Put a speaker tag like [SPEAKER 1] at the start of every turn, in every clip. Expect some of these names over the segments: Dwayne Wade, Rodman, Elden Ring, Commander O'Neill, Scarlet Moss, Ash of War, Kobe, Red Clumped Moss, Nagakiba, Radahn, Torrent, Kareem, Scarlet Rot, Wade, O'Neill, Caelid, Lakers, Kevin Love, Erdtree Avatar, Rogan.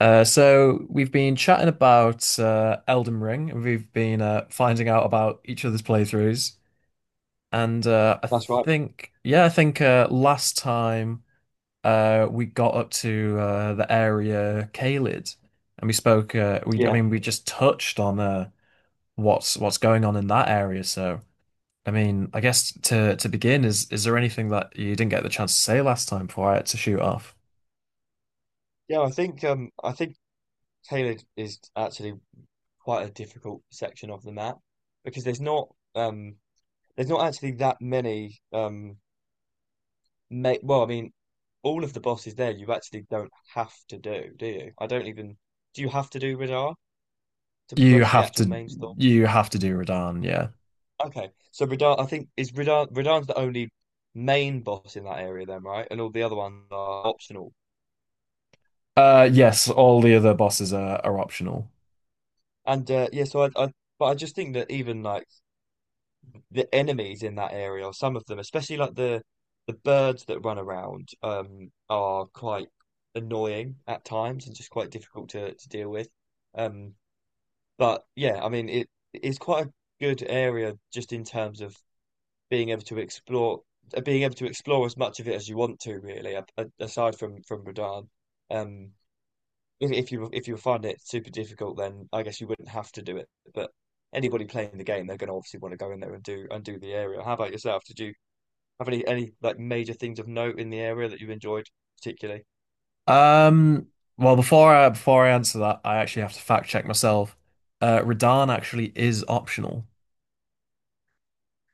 [SPEAKER 1] So we've been chatting about Elden Ring, and we've been finding out about each other's playthroughs. And I
[SPEAKER 2] That's right.
[SPEAKER 1] think, yeah, I think last time we got up to the area Caelid, and we spoke. I
[SPEAKER 2] Yeah.
[SPEAKER 1] mean, we just touched on what's going on in that area. So, I mean, I guess to begin, is there anything that you didn't get the chance to say last time before I had to shoot off?
[SPEAKER 2] Yeah, I think tailored is actually quite a difficult section of the map because um there's not actually that many ma well, I mean, all of the bosses there you actually don't have to do, do you? I don't even do you have to do Radar to
[SPEAKER 1] You
[SPEAKER 2] progress the
[SPEAKER 1] have
[SPEAKER 2] actual
[SPEAKER 1] to,
[SPEAKER 2] main story?
[SPEAKER 1] you have to do Radahn, yeah.
[SPEAKER 2] Okay. So Radar I think is Radar Radar's the only main boss in that area then, right? And all the other ones are optional.
[SPEAKER 1] Yes, all the other bosses are optional.
[SPEAKER 2] And yeah, so I but I just think that even like the enemies in that area, or some of them, especially like the birds that run around, are quite annoying at times and just quite difficult to deal with. Um, but yeah, I mean, it is quite a good area just in terms of being able to explore, being able to explore as much of it as you want to, really, aside from Radahn. Um, if you find it super difficult, then I guess you wouldn't have to do it. But anybody playing the game, they're going to obviously want to go in there and do the area. How about yourself? Did you have any like major things of note in the area that you enjoyed particularly?
[SPEAKER 1] Um, well, before I answer that, I actually have to fact check myself. Radahn actually is optional.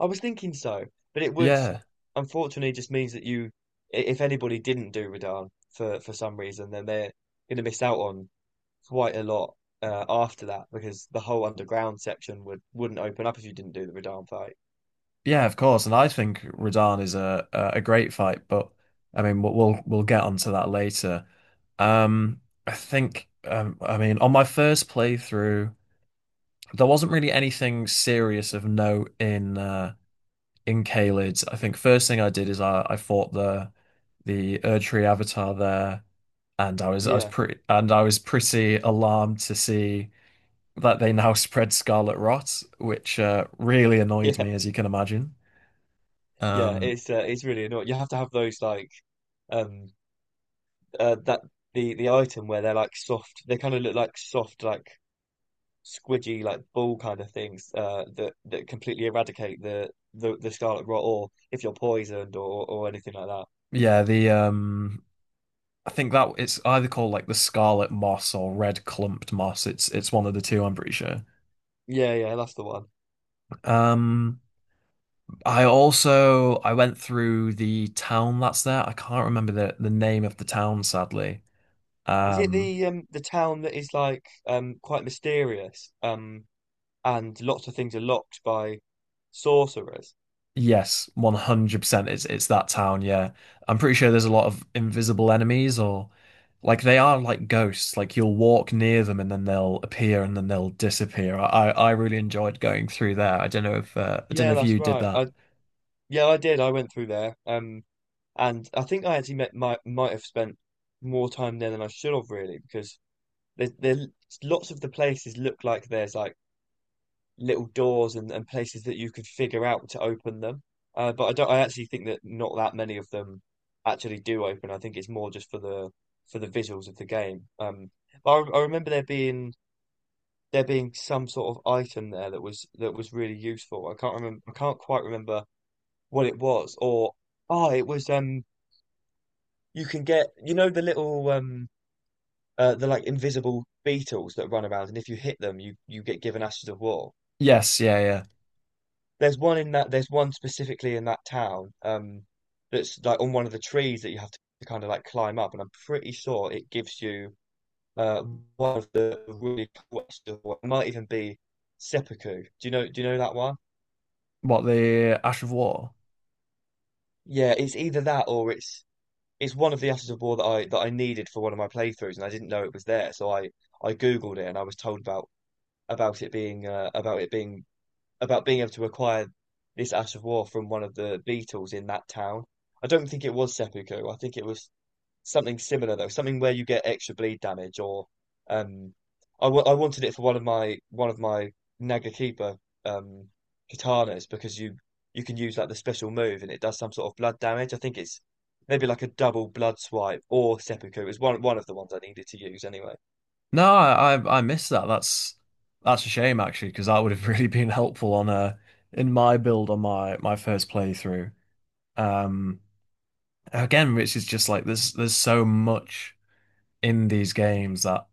[SPEAKER 2] I was thinking so, but it would
[SPEAKER 1] Yeah,
[SPEAKER 2] unfortunately just means that you, if anybody didn't do Radahn for some reason, then they're going to miss out on quite a lot after that because the whole underground section wouldn't open up if you didn't do the Radahn fight.
[SPEAKER 1] yeah, of course. And I think Radahn is a great fight, but I mean, we'll get onto that later. Um, I think I mean, on my first playthrough, there wasn't really anything serious of note in Caelid. I think first thing I did is I fought the Erdtree Avatar there, and I was I was
[SPEAKER 2] Yeah,
[SPEAKER 1] pretty and I was pretty alarmed to see that they now spread Scarlet Rot, which really annoyed
[SPEAKER 2] yeah.
[SPEAKER 1] me, as you can imagine.
[SPEAKER 2] Yeah,
[SPEAKER 1] Um,
[SPEAKER 2] it's really annoying. You have to have those like um that the item where they're like soft. They kind of look like soft, like squidgy, like ball kind of things that completely eradicate the scarlet rot, or if you're poisoned or anything like that.
[SPEAKER 1] yeah, the I think that it's either called like the Scarlet Moss or Red Clumped Moss. It's one of the two, I'm pretty sure.
[SPEAKER 2] Yeah, yeah, that's the one.
[SPEAKER 1] Um, I also I went through the town that's there. I can't remember the name of the town, sadly.
[SPEAKER 2] Is it
[SPEAKER 1] Um,
[SPEAKER 2] the town that is like quite mysterious and lots of things are locked by sorcerers?
[SPEAKER 1] yes, 100%. It's that town, yeah. I'm pretty sure there's a lot of invisible enemies or like they are like ghosts. Like you'll walk near them and then they'll appear and then they'll disappear. I really enjoyed going through there. I don't know if I don't know
[SPEAKER 2] Yeah,
[SPEAKER 1] if
[SPEAKER 2] that's
[SPEAKER 1] you did
[SPEAKER 2] right.
[SPEAKER 1] that.
[SPEAKER 2] I yeah, I did. I went through there. And I think I actually met, might have spent more time there than I should have really because there lots of the places look like there's like little doors and places that you could figure out to open them. But I don't I actually think that not that many of them actually do open. I think it's more just for the visuals of the game. But I remember there being some sort of item there that was really useful. I can't quite remember what it was. Or oh, it was um, you can get, you know, the little the like invisible beetles that run around, and if you hit them, you get given ashes of war.
[SPEAKER 1] Yes, yeah, yeah.
[SPEAKER 2] There's one in that. There's one specifically in that town. That's like on one of the trees that you have to kind of like climb up, and I'm pretty sure it gives you uh one of the really cool ashes of war. It might even be seppuku. Do you know? Do you know that one?
[SPEAKER 1] What, the Ash of War?
[SPEAKER 2] Yeah, it's either that or it's one of the ashes of war that I needed for one of my playthroughs, and I didn't know it was there, so I. I Googled it and I was told about about it being about being able to acquire this Ash of War from one of the Beatles in that town. I don't think it was seppuku. I think it was something similar though, something where you get extra bleed damage. Or um, I w I wanted it for one of my Nagakiba um katanas because you can use like the special move and it does some sort of blood damage. I think it's maybe like a double blood swipe or seppuku. It was one of the ones I needed to use anyway.
[SPEAKER 1] No, I missed that. That's a shame actually because that would have really been helpful on a in my build on my first playthrough. Um Again, which is just like there's so much in these games that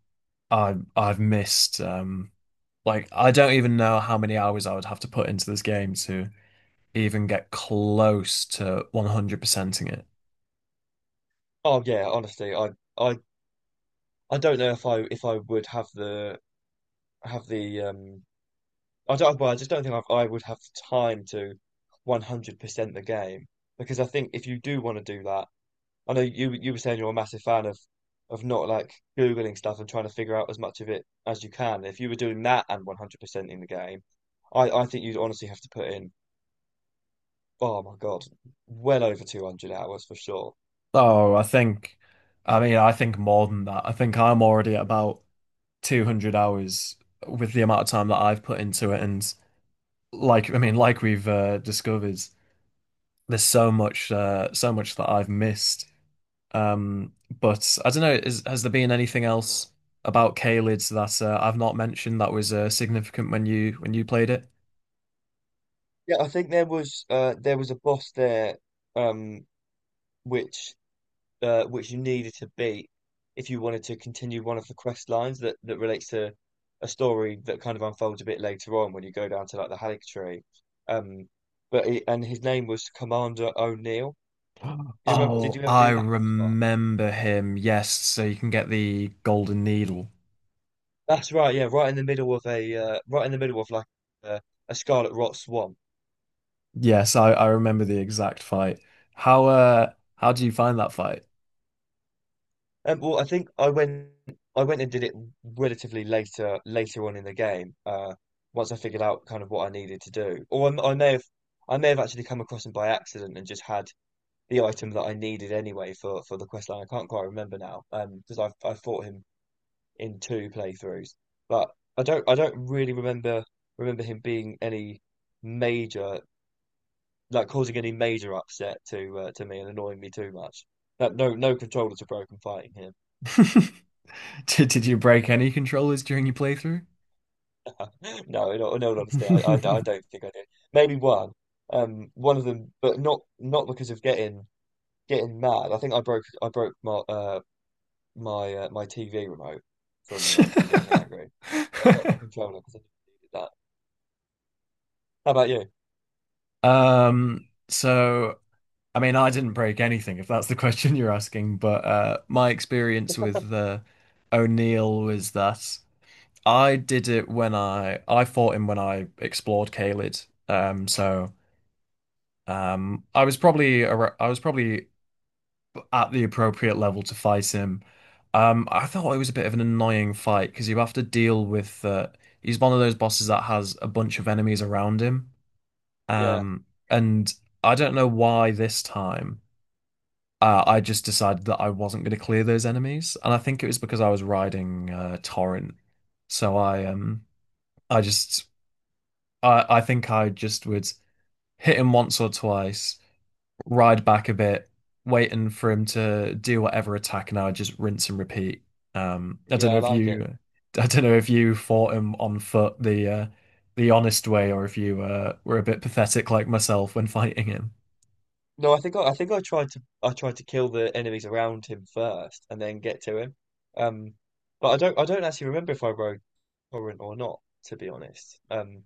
[SPEAKER 1] I've missed. Like I don't even know how many hours I would have to put into this game to even get close to 100%ing it.
[SPEAKER 2] Oh yeah, honestly, I I don't know if I would have the um, I don't, well, I just don't think I would have the time to 100% the game. Because I think if you do want to do that, I know you were saying you're a massive fan of not like googling stuff and trying to figure out as much of it as you can. If you were doing that and 100% in the game, I think you'd honestly have to put in, oh my God, well over 200 hours for sure.
[SPEAKER 1] Oh, I think, I mean, I think more than that. I think I'm already at about 200 hours with the amount of time that I've put into it. And like I mean like we've discovered there's so much so much that I've missed. um but I don't know, is, has there been anything else about Caelid that I've not mentioned that was significant when you played it?
[SPEAKER 2] Yeah, I think there was a boss there um which which you needed to beat if you wanted to continue one of the quest lines that relates to a story that kind of unfolds a bit later on when you go down to like the Halleck tree. Um, but he, and his name was Commander O'Neill. Do you remember? Did
[SPEAKER 1] Oh,
[SPEAKER 2] you ever
[SPEAKER 1] I
[SPEAKER 2] do that boss fight?
[SPEAKER 1] remember him. Yes, so you can get the golden needle.
[SPEAKER 2] That's right. Yeah, right in the middle of a right in the middle of like uh, a scarlet rot swamp.
[SPEAKER 1] Yes, I remember the exact fight. How do you find that fight?
[SPEAKER 2] Well, I think I went and did it relatively later on in the game. Once I figured out kind of what I needed to do. Or I may have, I may have actually come across them by accident and just had the item that I needed anyway for the quest line. I can't quite remember now, because I fought him in two playthroughs, but I don't really remember him being any major, like causing any major upset to me and annoying me too much. That no, no controllers were broken fighting him.
[SPEAKER 1] Did you break any controllers during your playthrough?
[SPEAKER 2] No, in all honesty, I don't think I did. Maybe one, one of them, but not, not because of getting getting mad. I think I broke my my TV remote from getting angry, but not my controller because I didn't need that. How about you?
[SPEAKER 1] Um, so I mean, I didn't break anything, if that's the question you're asking, but my experience with O'Neill was that I fought him when I explored Caelid. I was probably at the appropriate level to fight him. I thought it was a bit of an annoying fight because you have to deal with he's one of those bosses that has a bunch of enemies around him.
[SPEAKER 2] Yeah,
[SPEAKER 1] And I don't know why this time I just decided that I wasn't going to clear those enemies, and I think it was because I was riding Torrent. So I just I think I just would hit him once or twice, ride back a bit, waiting for him to do whatever attack, and I would just rinse and repeat. Um, I
[SPEAKER 2] yeah,
[SPEAKER 1] don't know
[SPEAKER 2] I
[SPEAKER 1] if
[SPEAKER 2] like it.
[SPEAKER 1] you, I don't know if you fought him on foot the honest way, or if you were a bit pathetic like myself when fighting him.
[SPEAKER 2] No, I think I think I tried to, I tried to kill the enemies around him first and then get to him. Um, but I don't actually remember if I broke torrent or not, to be honest.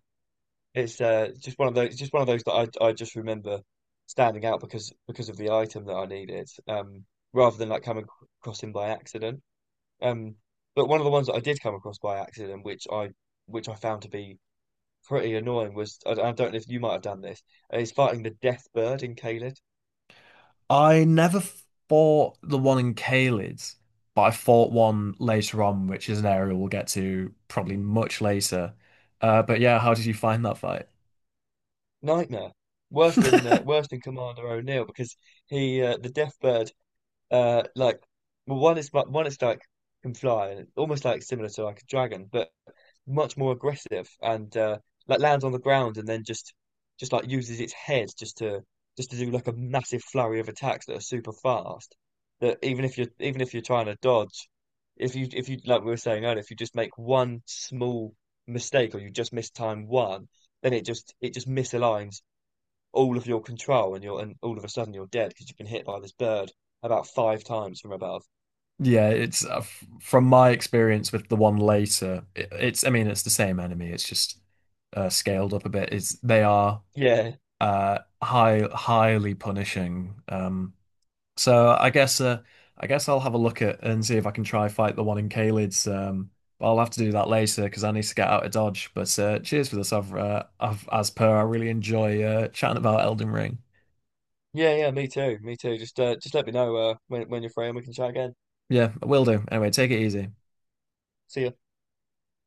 [SPEAKER 2] It's just one of those that I just remember standing out because of the item that I needed, rather than like coming across him by accident. Um, but one of the ones that I did come across by accident, which I found to be pretty annoying, was, I don't know if you might have done this. Is fighting the Death Bird in Caelid.
[SPEAKER 1] I never fought the one in Caelid, but I fought one later on, which is an area we'll get to probably much later. But yeah, how did you find that fight?
[SPEAKER 2] Nightmare. Worse than Commander O'Neill because he the Death Bird like well one is one it's like, can fly and it's almost like similar to like a dragon, but much more aggressive and, like lands on the ground and then just like uses its head just to, just to do like a massive flurry of attacks that are super fast. That even if you're, even if you're trying to dodge, if you, if you, like we were saying earlier, if you just make one small mistake or you just miss time one, then it just, it just misaligns all of your control, and you're, and all of a sudden you're dead because you've been hit by this bird about five times from above.
[SPEAKER 1] Yeah, it's f from my experience with the one later. I mean, it's the same enemy. It's just scaled up a bit. It's they are
[SPEAKER 2] Yeah,
[SPEAKER 1] highly punishing. So I guess I'll have a look at and see if I can try fight the one in Caelid's. But I'll have to do that later because I need to get out of Dodge. But cheers for this. I've, as per. I really enjoy chatting about Elden Ring.
[SPEAKER 2] yeah, yeah. Me too, me too. Just let me know when you're free and we can chat again.
[SPEAKER 1] Yeah, will do. Anyway, take it easy.
[SPEAKER 2] See ya.